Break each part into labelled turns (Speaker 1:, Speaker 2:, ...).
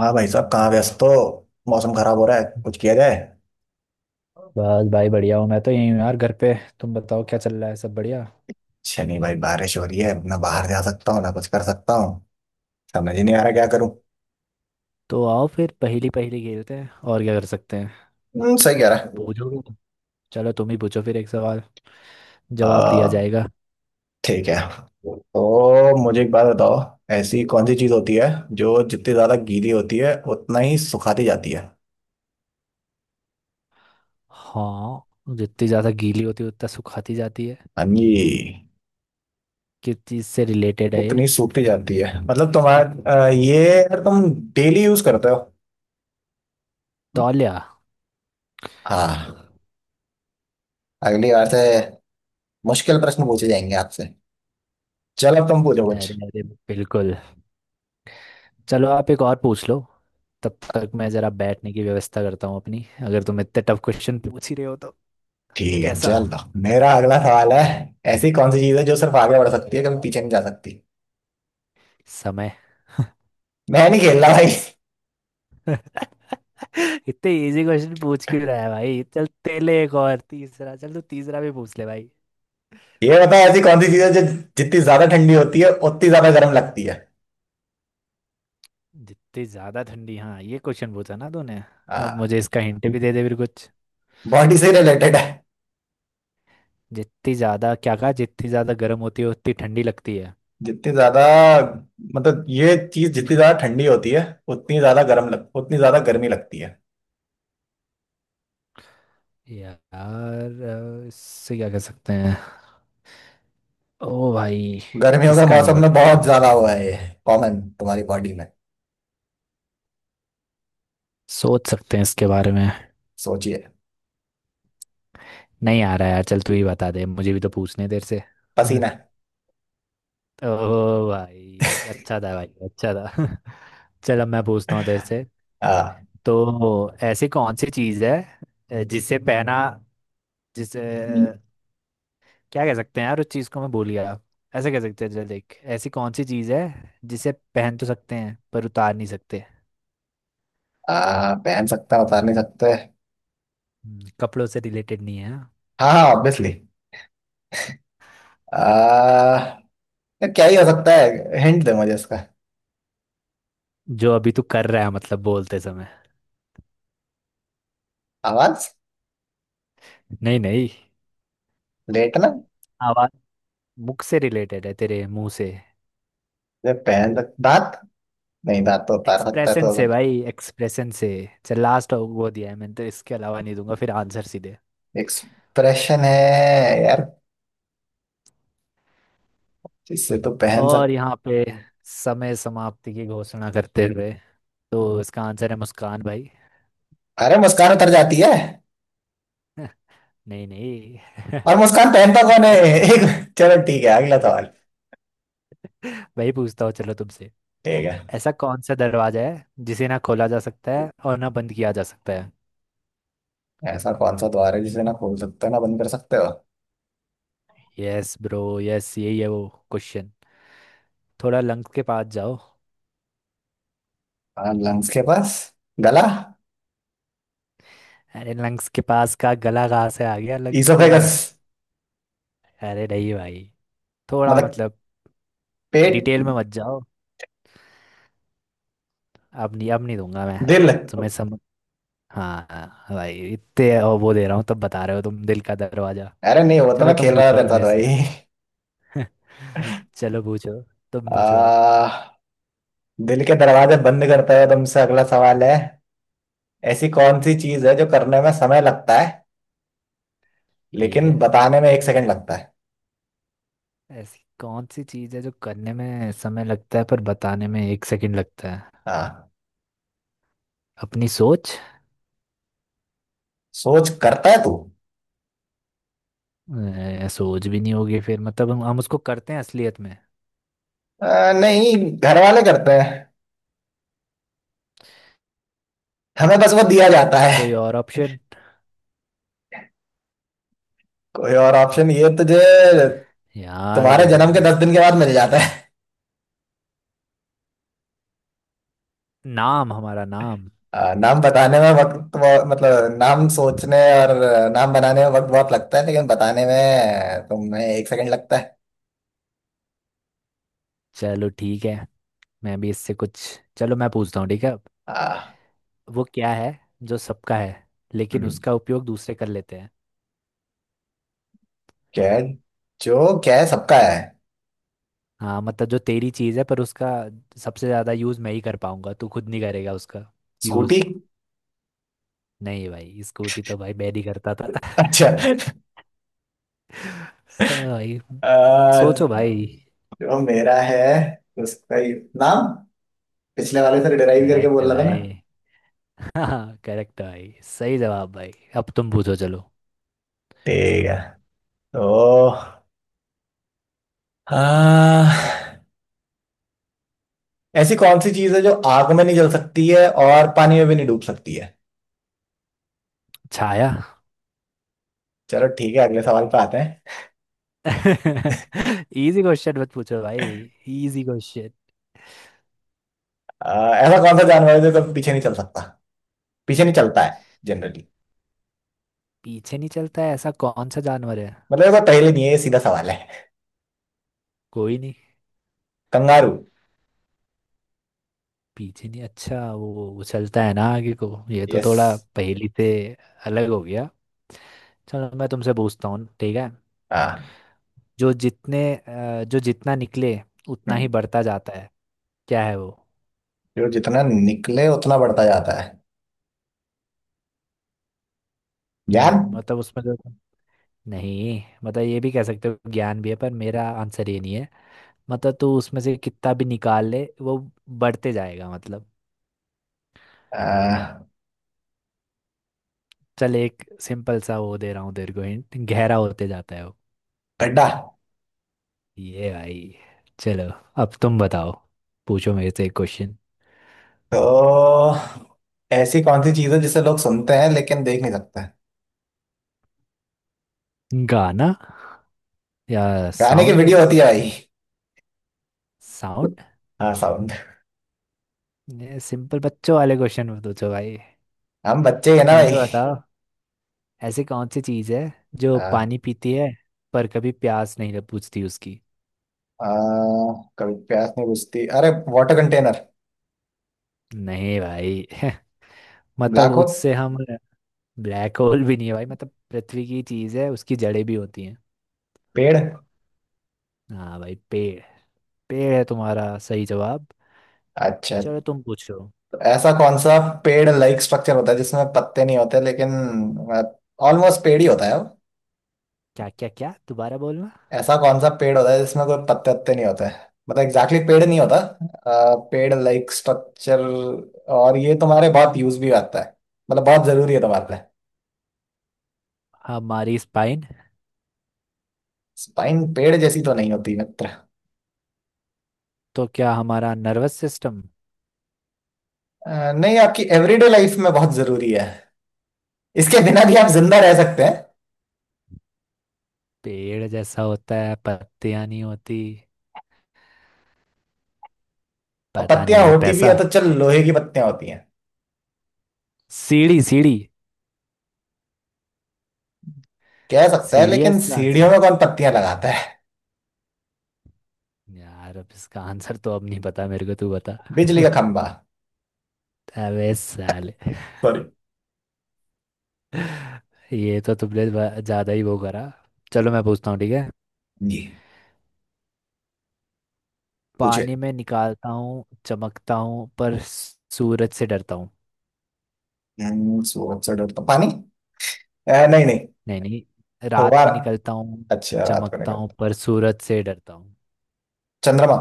Speaker 1: हाँ भाई साहब, कहाँ व्यस्त हो। मौसम खराब हो रहा है, कुछ किया जाए।
Speaker 2: बस भाई बढ़िया हूँ। मैं तो यहीं हूँ यार, घर पे। तुम बताओ, क्या चल रहा है, सब बढ़िया?
Speaker 1: शनि भाई, बारिश हो रही है ना, बाहर जा सकता हूँ ना कुछ कर सकता हूँ। समझ ही नहीं आ रहा क्या करूँ।
Speaker 2: तो आओ फिर पहेली पहेली खेलते हैं, और क्या कर सकते हैं।
Speaker 1: सही कह रहा है।
Speaker 2: पूछोगे तुम? चलो तुम ही पूछो फिर एक सवाल, जवाब दिया
Speaker 1: आ,
Speaker 2: जाएगा।
Speaker 1: ठीक है। तो मुझे एक बात बताओ, ऐसी कौन सी चीज होती है जो जितनी ज्यादा गीली होती है उतना ही सुखाती जाती है।
Speaker 2: हाँ, जितनी ज़्यादा गीली होती है उतना सुखाती जाती है।
Speaker 1: हाँ जी।
Speaker 2: किस चीज़ से रिलेटेड है ये?
Speaker 1: उतनी सूखती जाती है मतलब तुम्हारा, ये यार तुम डेली यूज करते हो।
Speaker 2: तौलिया।
Speaker 1: हाँ। अगली बार से मुश्किल प्रश्न पूछे जाएंगे आपसे। चलो अब तुम पूछो कुछ।
Speaker 2: अरे अरे बिल्कुल। चलो आप एक और पूछ लो, तब तक मैं ज़रा बैठने की व्यवस्था करता हूँ अपनी, अगर तुम इतने टफ क्वेश्चन पूछ ही रहे हो तो।
Speaker 1: ठीक है
Speaker 2: कैसा?
Speaker 1: चल तो। मेरा अगला सवाल है। ऐसी कौन सी चीज है जो सिर्फ आगे बढ़ सकती है, कभी पीछे नहीं जा सकती?
Speaker 2: समय।
Speaker 1: मैं नहीं खेल रहा भाई।
Speaker 2: इतने इजी क्वेश्चन पूछ क्यों रहा है भाई। चल तेले एक और तीसरा, चल तू तीसरा भी पूछ ले भाई।
Speaker 1: ये बता, ऐसी कौन सी चीज है जो जितनी ज्यादा ठंडी होती है उतनी ज्यादा गर्म लगती है?
Speaker 2: जितनी ज्यादा ठंडी, हाँ ये क्वेश्चन पूछा ना तूने। अब
Speaker 1: हाँ।
Speaker 2: मुझे इसका हिंट भी दे दे फिर कुछ।
Speaker 1: बॉडी से रिलेटेड है।
Speaker 2: जितनी ज्यादा क्या कहा, जितनी ज्यादा गर्म होती है उतनी ठंडी लगती है?
Speaker 1: जितनी ज्यादा, मतलब ये चीज जितनी ज्यादा ठंडी होती है उतनी ज्यादा गर्मी लगती है।
Speaker 2: यार, इससे क्या कह सकते हैं? ओ भाई,
Speaker 1: गर्मियों के
Speaker 2: इसका नहीं
Speaker 1: मौसम में
Speaker 2: पता।
Speaker 1: बहुत ज्यादा हुआ है ये। कॉमन तुम्हारी बॉडी में।
Speaker 2: सोच सकते हैं इसके बारे में?
Speaker 1: सोचिए।
Speaker 2: नहीं आ रहा यार, चल तू ही बता दे, मुझे भी तो पूछने हैं तेरे से।
Speaker 1: पसीना।
Speaker 2: ओह भाई अच्छा था भाई, अच्छा था। चलो मैं पूछता हूँ तेरे से।
Speaker 1: हाँ।
Speaker 2: तो ऐसी कौन सी चीज़ है, जिसे पहना, जिसे, क्या कह सकते हैं यार उस चीज़ को, मैं भूल गया। ऐसे कह सकते हैं, चल देख, ऐसी कौन सी चीज़ है जिसे पहन तो सकते हैं पर उतार नहीं सकते?
Speaker 1: पहन सकता बता नहीं सकते।
Speaker 2: कपड़ों से रिलेटेड नहीं है हाँ?
Speaker 1: हाँ, हाँ, ऑब्वियसली। आ, तो क्या ही हो सकता है, हिंट दे मुझे इसका।
Speaker 2: जो अभी तू कर रहा है, मतलब बोलते समय।
Speaker 1: आवाज।
Speaker 2: नहीं नहीं।
Speaker 1: लेटना।
Speaker 2: आवाज मुख से रिलेटेड है, तेरे मुंह से।
Speaker 1: दांत। नहीं, दांत तो उतार सकता है
Speaker 2: एक्सप्रेशन
Speaker 1: तो।
Speaker 2: से भाई, एक्सप्रेशन से। चल लास्ट वो दिया है मैंने, तो इसके अलावा नहीं दूंगा फिर आंसर सीधे।
Speaker 1: एक्सप्रेशन है। यार। जिससे तो पहन
Speaker 2: और
Speaker 1: सक
Speaker 2: यहाँ पे समय समाप्ति की घोषणा करते हुए, तो इसका आंसर है मुस्कान भाई।
Speaker 1: अरे मुस्कान उतर जाती है,
Speaker 2: नहीं नहीं।
Speaker 1: और मुस्कान पहनता कौन है। एक। चलो ठीक है, अगला सवाल।
Speaker 2: भाई पूछता हूँ चलो तुमसे।
Speaker 1: ठीक है।
Speaker 2: ऐसा कौन सा दरवाजा है जिसे ना खोला जा सकता है और ना बंद किया जा सकता है?
Speaker 1: ऐसा कौन सा द्वार है जिसे ना खोल सकते हो ना बंद कर सकते हो?
Speaker 2: यस ब्रो, यस, यही है वो क्वेश्चन। थोड़ा लंग्स के पास जाओ।
Speaker 1: हाँ, लंग्स के पास। गला।
Speaker 2: अरे लंग्स के पास का गला कहाँ से आ गया, लंग्स के
Speaker 1: इसोफेगस।
Speaker 2: पास। अरे नहीं भाई, थोड़ा
Speaker 1: मतलब
Speaker 2: मतलब।
Speaker 1: पेट।
Speaker 2: डिटेल में मत जाओ। अब नहीं, अब नहीं दूंगा मैं
Speaker 1: दिल अरे।
Speaker 2: तुम्हें समझ। हाँ हाँ, भाई इतने और वो दे रहा हूँ तब बता रहे हो तुम, दिल का दरवाजा।
Speaker 1: नहीं, वो तो
Speaker 2: चलो
Speaker 1: मैं
Speaker 2: तुम
Speaker 1: खेल रहा था
Speaker 2: पूछो
Speaker 1: तेरे
Speaker 2: अब
Speaker 1: साथ
Speaker 2: मेरे
Speaker 1: भाई।
Speaker 2: से। चलो पूछो, तुम पूछो अब।
Speaker 1: आ दिल के दरवाजे बंद करता है तुमसे। अगला सवाल है, ऐसी कौन सी चीज है जो करने में समय लगता है
Speaker 2: ठीक
Speaker 1: लेकिन
Speaker 2: है।
Speaker 1: बताने में 1 सेकंड लगता है?
Speaker 2: ऐसी कौन सी चीज़ है जो करने में समय लगता है पर बताने में 1 सेकंड लगता है?
Speaker 1: हाँ।
Speaker 2: अपनी सोच।
Speaker 1: सोच करता है तू?
Speaker 2: सोच भी नहीं होगी फिर, मतलब हम उसको करते हैं असलियत में।
Speaker 1: नहीं, घर वाले करते हैं, हमें बस वो दिया जाता है।
Speaker 2: कोई और ऑप्शन?
Speaker 1: कोई और ऑप्शन ये तुझे?
Speaker 2: यार
Speaker 1: तुम्हारे जन्म के
Speaker 2: हम,
Speaker 1: 10 दिन के बाद मिल जाता है।
Speaker 2: नाम, हमारा नाम।
Speaker 1: नाम बताने में वक्त बहुत- मतलब नाम सोचने और नाम बनाने में वक्त बहुत लगता है, लेकिन बताने में तुम्हें 1 सेकंड लगता है।
Speaker 2: चलो ठीक है, मैं भी इससे कुछ। चलो मैं पूछता हूँ, ठीक है।
Speaker 1: आ,
Speaker 2: वो क्या है जो सबका है लेकिन
Speaker 1: हम्म,
Speaker 2: उसका उपयोग दूसरे कर लेते हैं?
Speaker 1: क्या है? जो क्या है सबका है।
Speaker 2: हाँ मतलब जो तेरी चीज़ है पर उसका सबसे ज़्यादा यूज़ मैं ही कर पाऊंगा, तू खुद नहीं करेगा उसका
Speaker 1: स्कूटी।
Speaker 2: यूज़। नहीं भाई, स्कूटी तो भाई मैं नहीं करता था।
Speaker 1: अच्छा।
Speaker 2: हाँ भाई।
Speaker 1: आ,
Speaker 2: सोचो भाई।
Speaker 1: जो मेरा है उसका ही नाम। पिछले वाले से डिराइव करके
Speaker 2: करेक्ट है
Speaker 1: बोल रहा था ना।
Speaker 2: भाई। हाँ करेक्ट है भाई, सही जवाब भाई। अब तुम पूछो चलो।
Speaker 1: ठीक है। तो आ, ऐसी कौन सी चीज है जो आग में नहीं जल सकती है और पानी में भी नहीं डूब सकती है?
Speaker 2: छाया।
Speaker 1: चलो ठीक है, अगले सवाल पे आते हैं।
Speaker 2: इजी क्वेश्चन मत पूछो भाई, इजी क्वेश्चन।
Speaker 1: ऐसा कौन सा जानवर है जो कभी पीछे नहीं चल सकता, पीछे नहीं चलता है जनरली?
Speaker 2: पीछे नहीं चलता है, ऐसा कौन सा जानवर है?
Speaker 1: मतलब ऐसा पहले नहीं है, ये सीधा सवाल है।
Speaker 2: कोई नहीं।
Speaker 1: कंगारू।
Speaker 2: पीछे नहीं, अच्छा वो उछलता है ना आगे को, ये तो
Speaker 1: यस।
Speaker 2: थोड़ा पहेली से अलग हो गया। चलो मैं तुमसे पूछता हूँ, ठीक है।
Speaker 1: हाँ।
Speaker 2: जो जितने जो जितना निकले उतना
Speaker 1: हम्म।
Speaker 2: ही बढ़ता जाता है। क्या है वो?
Speaker 1: जो जितना निकले उतना बढ़ता जाता है। ज्ञान।
Speaker 2: मतलब उसमें जो, नहीं मतलब ये भी कह सकते हो ज्ञान भी है, पर मेरा आंसर ये नहीं है। मतलब तू उसमें से कितना भी निकाल ले वो बढ़ते जाएगा मतलब।
Speaker 1: आ,
Speaker 2: चल एक सिंपल सा वो दे रहा हूँ तेरे को हिंट, गहरा होते जाता है।
Speaker 1: गड्ढा।
Speaker 2: ये भाई। चलो अब तुम बताओ, पूछो मेरे से एक क्वेश्चन।
Speaker 1: तो ऐसी कौन सी चीज है जिसे लोग सुनते हैं लेकिन देख नहीं सकते?
Speaker 2: गाना, या
Speaker 1: गाने की
Speaker 2: साउंड,
Speaker 1: वीडियो होती है भाई।
Speaker 2: साउंड।
Speaker 1: हाँ, साउंड।
Speaker 2: ये सिंपल बच्चों वाले क्वेश्चन में पूछो भाई।
Speaker 1: हम बच्चे हैं ना
Speaker 2: तुम्हें
Speaker 1: भाई।
Speaker 2: बताओ, ऐसी कौन सी चीज़ है जो
Speaker 1: हाँ।
Speaker 2: पानी पीती है पर कभी प्यास नहीं लग- बुझती उसकी?
Speaker 1: आ, कभी प्यास नहीं बुझती, अरे वाटर कंटेनर।
Speaker 2: नहीं भाई। मतलब
Speaker 1: ब्लैक होल।
Speaker 2: उससे हम, ब्लैक होल भी नहीं है भाई, मतलब पृथ्वी की चीज़ है, उसकी जड़ें भी होती हैं।
Speaker 1: पेड़।
Speaker 2: हाँ भाई पेड़, पेड़ है तुम्हारा सही जवाब।
Speaker 1: अच्छा।
Speaker 2: चलो तुम पूछो।
Speaker 1: तो ऐसा कौन सा पेड़ लाइक स्ट्रक्चर होता है जिसमें पत्ते नहीं होते लेकिन ऑलमोस्ट पेड़ ही होता है वो?
Speaker 2: क्या क्या क्या, दोबारा बोलना।
Speaker 1: ऐसा कौन सा पेड़ होता है जिसमें कोई पत्ते वत्ते नहीं होते, मतलब एग्जैक्टली exactly पेड़ नहीं होता, पेड़ लाइक स्ट्रक्चर, और ये तुम्हारे बहुत यूज भी आता है, मतलब बहुत जरूरी है तुम्हारे लिए।
Speaker 2: हमारी स्पाइन।
Speaker 1: स्पाइन पेड़ जैसी तो नहीं होती मित्र।
Speaker 2: तो क्या हमारा नर्वस सिस्टम?
Speaker 1: नहीं, आपकी एवरीडे लाइफ में बहुत जरूरी है, इसके बिना भी आप जिंदा रह सकते हैं।
Speaker 2: पेड़ जैसा होता है, पत्तियां नहीं होती,
Speaker 1: और
Speaker 2: पता
Speaker 1: पत्तियां
Speaker 2: नहीं भाई,
Speaker 1: होती भी
Speaker 2: पैसा।
Speaker 1: है तो चल, लोहे की पत्तियां होती हैं
Speaker 2: सीढ़ी, सीढ़ी,
Speaker 1: कह सकता है,
Speaker 2: सीढ़ी है
Speaker 1: लेकिन
Speaker 2: इसका
Speaker 1: सीढ़ियों
Speaker 2: आंसर।
Speaker 1: में कौन पत्तियां लगाता है।
Speaker 2: यार अब इसका आंसर तो अब नहीं पता मेरे को, तू बता।
Speaker 1: बिजली का खंभा।
Speaker 2: अबे साले,
Speaker 1: सॉरी।
Speaker 2: ये तो तुमने ब- ज्यादा ही वो करा। चलो मैं पूछता हूँ, ठीक है।
Speaker 1: जी, पूछे।
Speaker 2: पानी में निकालता हूँ, चमकता हूँ पर सूरज से डरता हूँ।
Speaker 1: सूरज से डरता पानी, नहीं, नहीं।
Speaker 2: नहीं नहीं, रात में
Speaker 1: फव्वारा।
Speaker 2: निकलता हूँ,
Speaker 1: अच्छा, रात को
Speaker 2: चमकता
Speaker 1: निकलता।
Speaker 2: हूँ पर सूरज से डरता हूँ।
Speaker 1: चंद्रमा।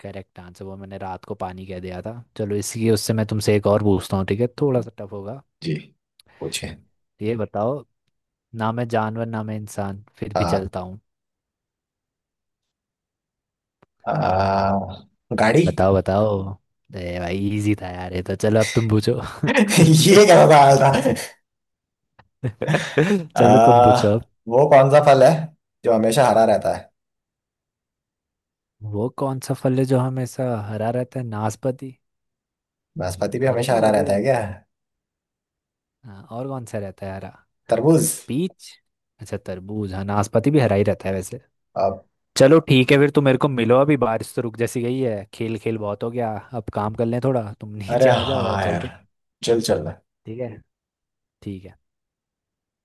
Speaker 2: करेक्ट आंसर, वो मैंने रात को पानी कह दिया था। चलो इसकी उससे मैं तुमसे एक और पूछता हूँ, ठीक है थोड़ा सा टफ होगा।
Speaker 1: जी, पूछे।
Speaker 2: ये बताओ, ना मैं जानवर ना मैं इंसान, फिर भी
Speaker 1: हाँ।
Speaker 2: चलता हूँ।
Speaker 1: आ, गाड़ी।
Speaker 2: बताओ बताओ। अरे भाई इजी था यार ये तो, चलो अब तुम पूछो।
Speaker 1: ये क्या सवाल था। आ,
Speaker 2: चलो तुम पूछो अब।
Speaker 1: वो कौन सा फल है जो हमेशा हरा रहता है?
Speaker 2: वो कौन सा फल है जो हमेशा हरा रहता है? नाशपाती।
Speaker 1: नाशपाती भी
Speaker 2: हरे
Speaker 1: हमेशा
Speaker 2: तो
Speaker 1: हरा
Speaker 2: सभी
Speaker 1: रहता है
Speaker 2: रहते
Speaker 1: क्या?
Speaker 2: हैं, हाँ और कौन सा रहता है हरा?
Speaker 1: तरबूज।
Speaker 2: पीच। अच्छा तरबूज, हाँ नाशपाती भी हरा ही रहता है वैसे।
Speaker 1: अब
Speaker 2: चलो ठीक है, फिर तुम मेरे को मिलो, अभी बारिश तो रुक जैसी गई है, खेल खेल बहुत हो गया, अब काम कर लें थोड़ा, तुम
Speaker 1: अरे
Speaker 2: नीचे आ जाओ और
Speaker 1: हाँ
Speaker 2: चलते
Speaker 1: यार।
Speaker 2: हैं।
Speaker 1: चल चल।
Speaker 2: ठीक है, ठीक है।